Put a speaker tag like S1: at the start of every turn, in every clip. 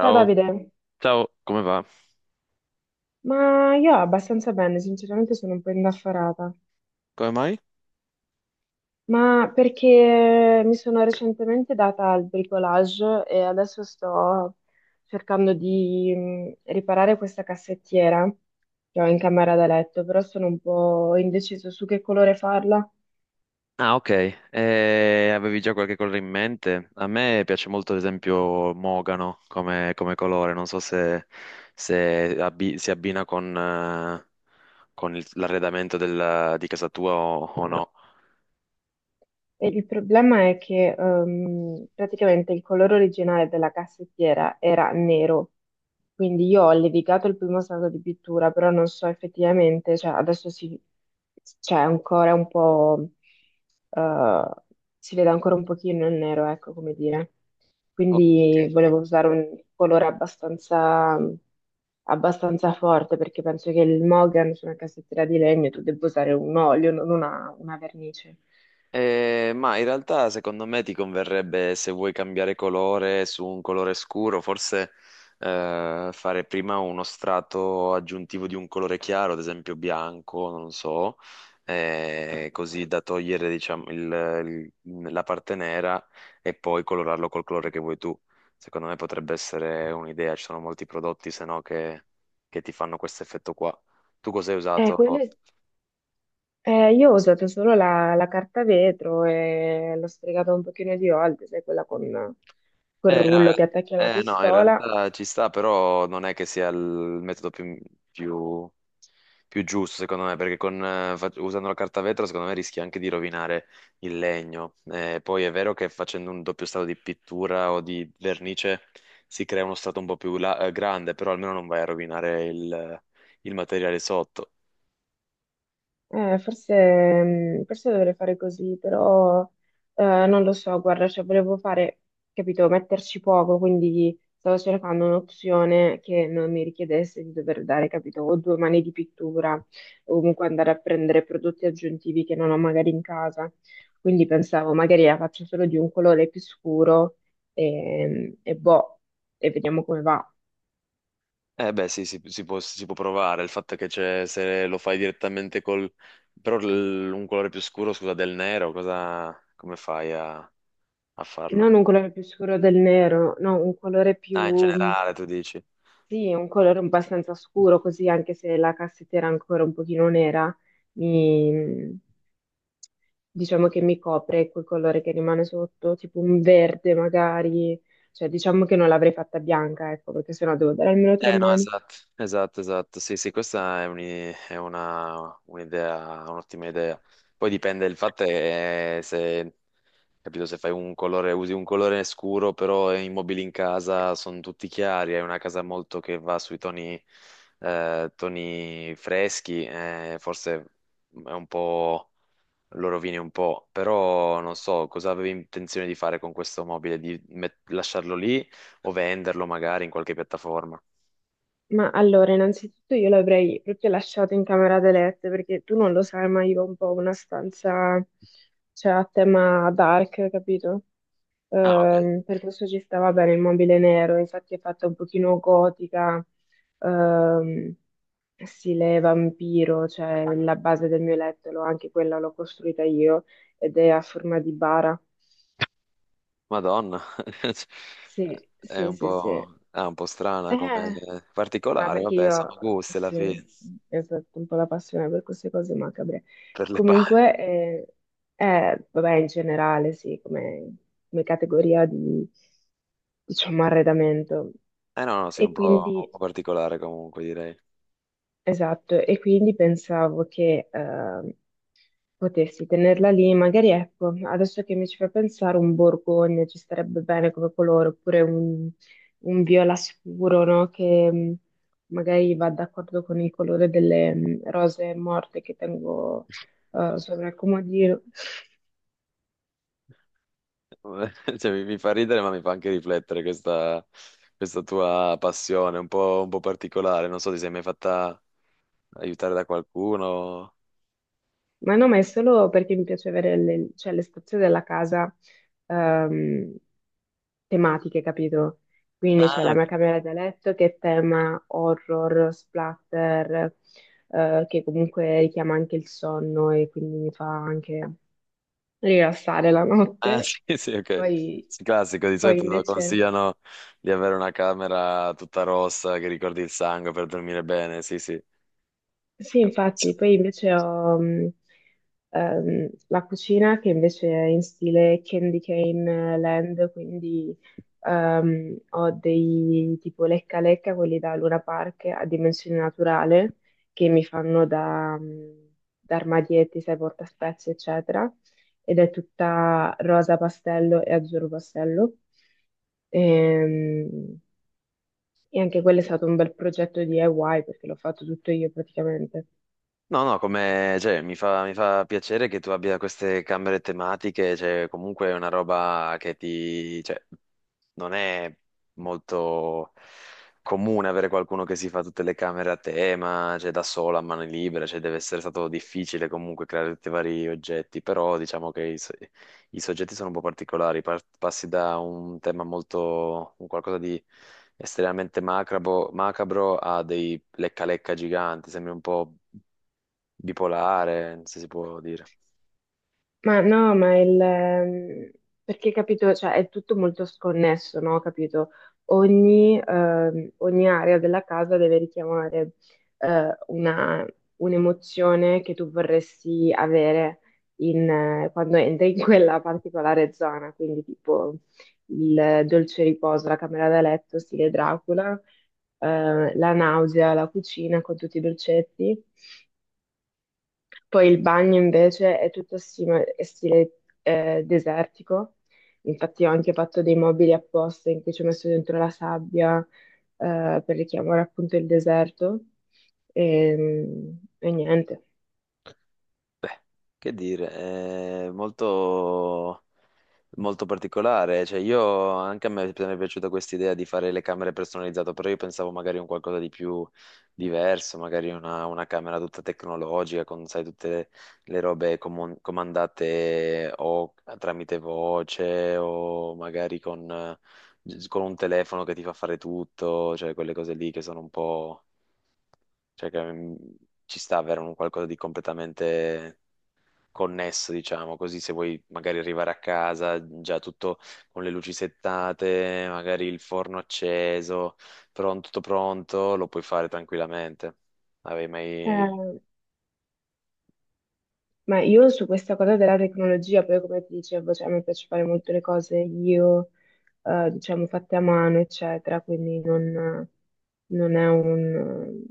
S1: Ciao Davide,
S2: ciao, come va?
S1: ma io abbastanza bene, sinceramente sono un po' indaffarata,
S2: Come mai?
S1: ma perché mi sono recentemente data al bricolage e adesso sto cercando di riparare questa cassettiera che ho in camera da letto, però sono un po' indeciso su che colore farla.
S2: Ah, ok. Avevi già qualche colore in mente? A me piace molto, ad esempio, Mogano come, come colore, non so se, si abbina con l'arredamento di casa tua o no.
S1: E il problema è che praticamente il colore originale della cassettiera era nero, quindi io ho levigato il primo strato di pittura, però non so effettivamente, cioè adesso si, c'è ancora un po', eh, si vede ancora un pochino il nero, ecco come dire.
S2: Ok.
S1: Quindi volevo usare un colore abbastanza forte perché penso che il Mogan su una cassettiera di legno tu debba usare un olio, non una vernice.
S2: Ma in realtà secondo me ti converrebbe se vuoi cambiare colore su un colore scuro, forse fare prima uno strato aggiuntivo di un colore chiaro, ad esempio bianco, non so, così da togliere diciamo, la parte nera e poi colorarlo col colore che vuoi tu. Secondo me potrebbe essere un'idea, ci sono molti prodotti se no che, che ti fanno questo effetto qua. Tu cosa hai
S1: Eh,
S2: usato?
S1: quelle- io ho usato solo la carta vetro e l'ho sfregata un pochino di volte, sai, quella con quel
S2: No,
S1: rullo che attacchi alla
S2: no, in
S1: pistola.
S2: realtà ci sta, però non è che sia il metodo più, più- più giusto, secondo me, perché con, usando la carta vetro, secondo me, rischi anche di rovinare il legno. Poi è vero che facendo un doppio strato di pittura o di vernice si crea uno strato un po' più grande, però almeno non vai a rovinare il materiale sotto.
S1: Eh, forse, forse dovrei fare così, però non lo so, guarda, cioè volevo fare, capito, metterci poco, quindi stavo cercando un'opzione che non mi richiedesse di dover dare, capito, o due mani di pittura, o comunque andare a prendere prodotti aggiuntivi che non ho magari in casa. Quindi pensavo, magari la faccio solo di un colore più scuro e boh, e vediamo come va.
S2: Eh beh, sì, si può provare. Il fatto è che c'è, se lo fai direttamente col... però un colore più scuro, scusa, del nero, cosa... come fai a, a farlo?
S1: Non un colore più scuro del nero, no, un colore
S2: Ah, in
S1: più.
S2: generale, tu dici.
S1: Sì, un colore un po' abbastanza scuro, così anche se la cassetta era ancora un pochino nera, mi- diciamo che mi copre quel colore che rimane sotto, tipo un verde magari, cioè diciamo che non l'avrei fatta bianca, ecco, perché sennò devo dare almeno tre
S2: Eh no,
S1: mani.
S2: esatto, esatto, esatto. Sì, sì, questa è un'idea, un'ottima idea. Poi dipende, il fatto è se, capito, se fai un colore, usi un colore scuro, però i mobili in casa sono tutti chiari, è una casa molto che va sui toni, toni freschi, forse è un po', lo rovini un po', però non so, cosa avevi intenzione di fare con questo mobile, di lasciarlo lì o venderlo magari in qualche piattaforma?
S1: Ma allora, innanzitutto io l'avrei proprio lasciato in camera da letto perché tu non lo sai, ma io ho un po' una stanza, cioè a tema dark, capito?
S2: Ah, ok.
S1: Per questo ci stava bene il mobile nero, infatti è fatta un pochino gotica, ehm, stile vampiro, cioè la base del mio letto, anche quella l'ho costruita io ed è a forma di bara.
S2: Madonna.
S1: Sì,
S2: È
S1: sì,
S2: un
S1: sì, sì.
S2: po', ah, un po' strana come
S1: Eh. Ma
S2: particolare,
S1: perché
S2: vabbè,
S1: io,
S2: sono gusti alla
S1: sì,
S2: fine
S1: ho fatto un po' la passione per queste cose macabre.
S2: per le bari.
S1: Comunque, vabbè, in generale, sì, come, come categoria di, diciamo, arredamento.
S2: Eh no, no, sì,
S1: E
S2: un
S1: quindi
S2: po' particolare comunque direi.
S1: Esatto, e quindi pensavo che potessi tenerla lì, magari ecco, adesso che mi ci fa pensare un borgogna ci starebbe bene come colore, oppure un viola scuro, no? Che magari va d'accordo con il colore delle rose morte che tengo sopra il comodino.
S2: Cioè, mi fa ridere, ma mi fa anche riflettere questa, questa tua passione, un po' particolare. Non so, ti sei mai fatta aiutare da qualcuno?
S1: Ma no, ma è solo perché mi piace avere le, cioè, le stazioni della casa ehm, tematiche, capito? Quindi c'è
S2: Ah,
S1: la
S2: ok.
S1: mia camera da letto che è tema horror, splatter, che comunque richiama anche il sonno e quindi mi fa anche rilassare la
S2: Ah,
S1: notte.
S2: sì, sì, ok.
S1: Poi,
S2: Sì, classico, di
S1: poi
S2: solito
S1: invece...
S2: consigliano di avere una camera tutta rossa che ricordi il sangue per dormire bene, sì, sì.
S1: Sì, infatti, poi invece ho la cucina che invece è in stile Candy Cane Land, quindi ho dei tipo lecca lecca, quelli da Luna Park a dimensione naturale, che mi fanno da, da armadietti, sai, portaspezie, eccetera, ed è tutta rosa pastello e azzurro pastello. Ehm, E, anche quello è stato un bel progetto di DIY perché l'ho fatto tutto io praticamente.
S2: No, no, come, cioè, mi fa piacere che tu abbia queste camere tematiche, cioè, comunque è una roba che ti, cioè, non è molto comune avere qualcuno che si fa tutte le camere a tema, cioè da sola a mano libera, cioè deve essere stato difficile comunque creare tutti i vari oggetti, però diciamo che i soggetti sono un po' particolari, passi da un tema molto, un qualcosa di estremamente macabro a dei lecca-lecca giganti, sembri un po' bipolare, non so se si può dire.
S1: Ma no, ma perché capito, cioè è tutto molto sconnesso, no? Capito? Ogni, ogni area della casa deve richiamare eh, una, un'emozione che tu vorresti avere in, quando entri in quella particolare zona, quindi tipo il dolce riposo, la camera da letto, stile Dracula, la nausea, la cucina con tutti i dolcetti. Poi il bagno invece è tutto stile, desertico, infatti ho anche fatto dei mobili apposta in cui ci ho messo dentro la sabbia per richiamare appunto il deserto e, e niente.
S2: Beh, che dire, è molto... Molto particolare, cioè io anche a me mi è piaciuta questa idea di fare le camere personalizzate, però io pensavo magari un qualcosa di più diverso, magari una camera tutta tecnologica con, sai, tutte le robe comandate o tramite voce o magari con un telefono che ti fa fare tutto, cioè quelle cose lì che sono un po', cioè che mm, ci sta avere un qualcosa di completamente connesso, diciamo, così se vuoi magari arrivare a casa già tutto con le luci settate, magari il forno acceso, pronto, tutto pronto, lo puoi fare tranquillamente. Avevi mai...
S1: Eh, Ma io su questa cosa della tecnologia, poi come ti dicevo, cioè, a me piace fare molto le cose io, diciamo, fatte a mano, eccetera, quindi non, non è un-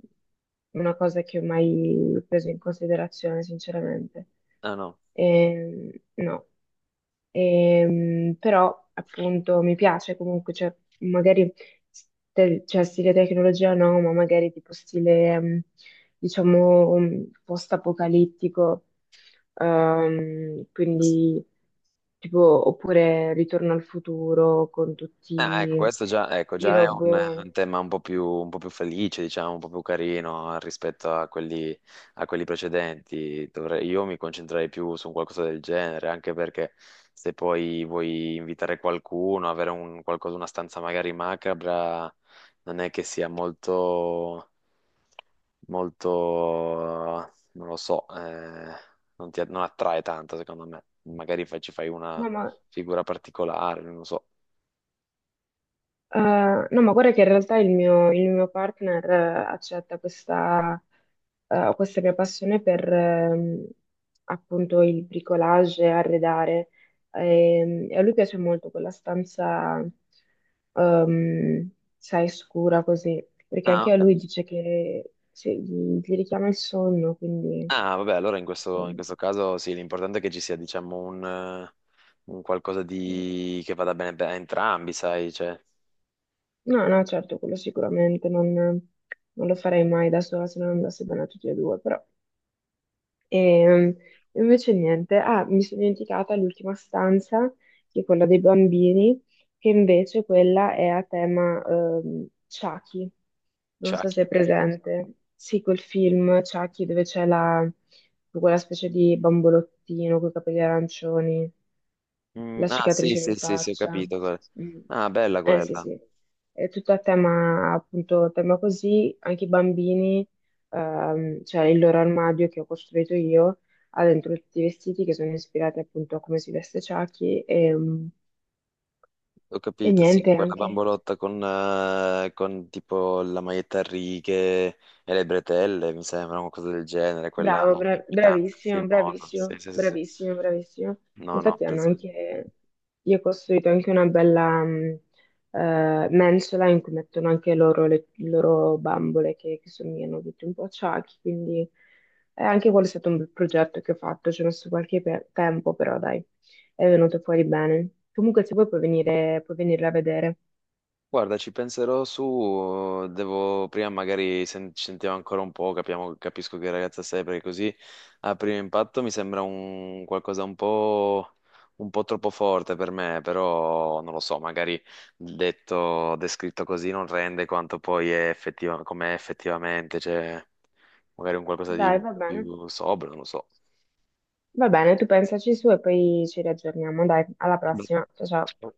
S1: una cosa che ho mai preso in considerazione, sinceramente.
S2: Ah no.
S1: No. Però appunto mi piace comunque, cioè, magari cioè, stile tecnologia no, ma magari tipo stile, diciamo, post-apocalittico. Quindi tipo, oppure Ritorno al futuro con
S2: Ah, ecco,
S1: tutti
S2: questo già, ecco,
S1: i
S2: già è
S1: robot.
S2: un tema un po' più felice, diciamo, un po' più carino rispetto a quelli precedenti. Dovrei- io mi concentrerei più su un qualcosa del genere, anche perché se poi vuoi invitare qualcuno, avere un, qualcosa, una stanza magari macabra, non è che sia molto, molto, non lo so, non ti, non attrae tanto, secondo me. Magari ci fai una
S1: No, ma
S2: figura particolare, non lo so.
S1: Eh, no, ma guarda che in realtà il mio partner accetta questa, questa mia passione per appunto il bricolage, arredare. E, a lui piace molto quella stanza, ehm, sai, scura così, perché
S2: Ah,
S1: anche a
S2: ok.
S1: lui dice che cioè, gli richiama il sonno, quindi...
S2: Ah, vabbè, allora in
S1: ehm,
S2: questo caso sì, l'importante è che ci sia, diciamo, un qualcosa di... che vada bene a entrambi, sai, cioè,
S1: No, no, certo, quello sicuramente non, non lo farei mai da sola se non andasse bene a tutti e due, però... E invece niente, ah, mi sono dimenticata l'ultima stanza, che è quella dei bambini, che invece quella è a tema Chucky, non so se
S2: sciacchi.
S1: è presente. Sì, quel film Chucky dove c'è la, quella specie di bambolottino con i capelli arancioni,
S2: Mm,
S1: la
S2: ah, sì,
S1: cicatrice
S2: sì,
S1: in
S2: sì, sì, ho
S1: faccia.
S2: capito. Quella.
S1: Mm.
S2: Ah, bella
S1: Eh sì,
S2: quella.
S1: sì, è tutto a tema, appunto, tema così, anche i bambini, cioè il loro armadio che ho costruito io, ha dentro tutti i vestiti che sono ispirati appunto a come si veste Chucky e, mm,
S2: Ho
S1: e
S2: capito, sì,
S1: niente
S2: quella
S1: anche.
S2: bambolotta con tipo la maglietta a righe e le bretelle, mi sembra, qualcosa del genere, quella
S1: Bravo,
S2: inquietante, il
S1: bravissimo,
S2: film horror, sì,
S1: bravissimo,
S2: sì, sì, sì.
S1: bravissimo, bravissimo.
S2: No, no,
S1: Infatti hanno
S2: presente.
S1: anche, gli ho costruito anche una bella mensola in cui mettono anche loro le loro bambole che somigliano tutti un po' a Chucky, quindi anche quello è stato un bel progetto che ho fatto, ci ho messo qualche tempo, però dai, è venuto fuori bene. Comunque se vuoi puoi venire, puoi venirla a vedere.
S2: Guarda, ci penserò su, devo prima magari ci sentiamo ancora un po', capiamo, capisco che ragazza sei, perché così a primo impatto mi sembra un qualcosa un po' troppo forte per me, però non lo so, magari detto, descritto così non rende quanto poi è effettiva, com'è effettivamente, cioè magari un qualcosa di
S1: Dai,
S2: un po' più sobrio, non lo so.
S1: va bene, tu pensaci su e poi ci riaggiorniamo, dai, alla prossima, ciao ciao.
S2: Beh.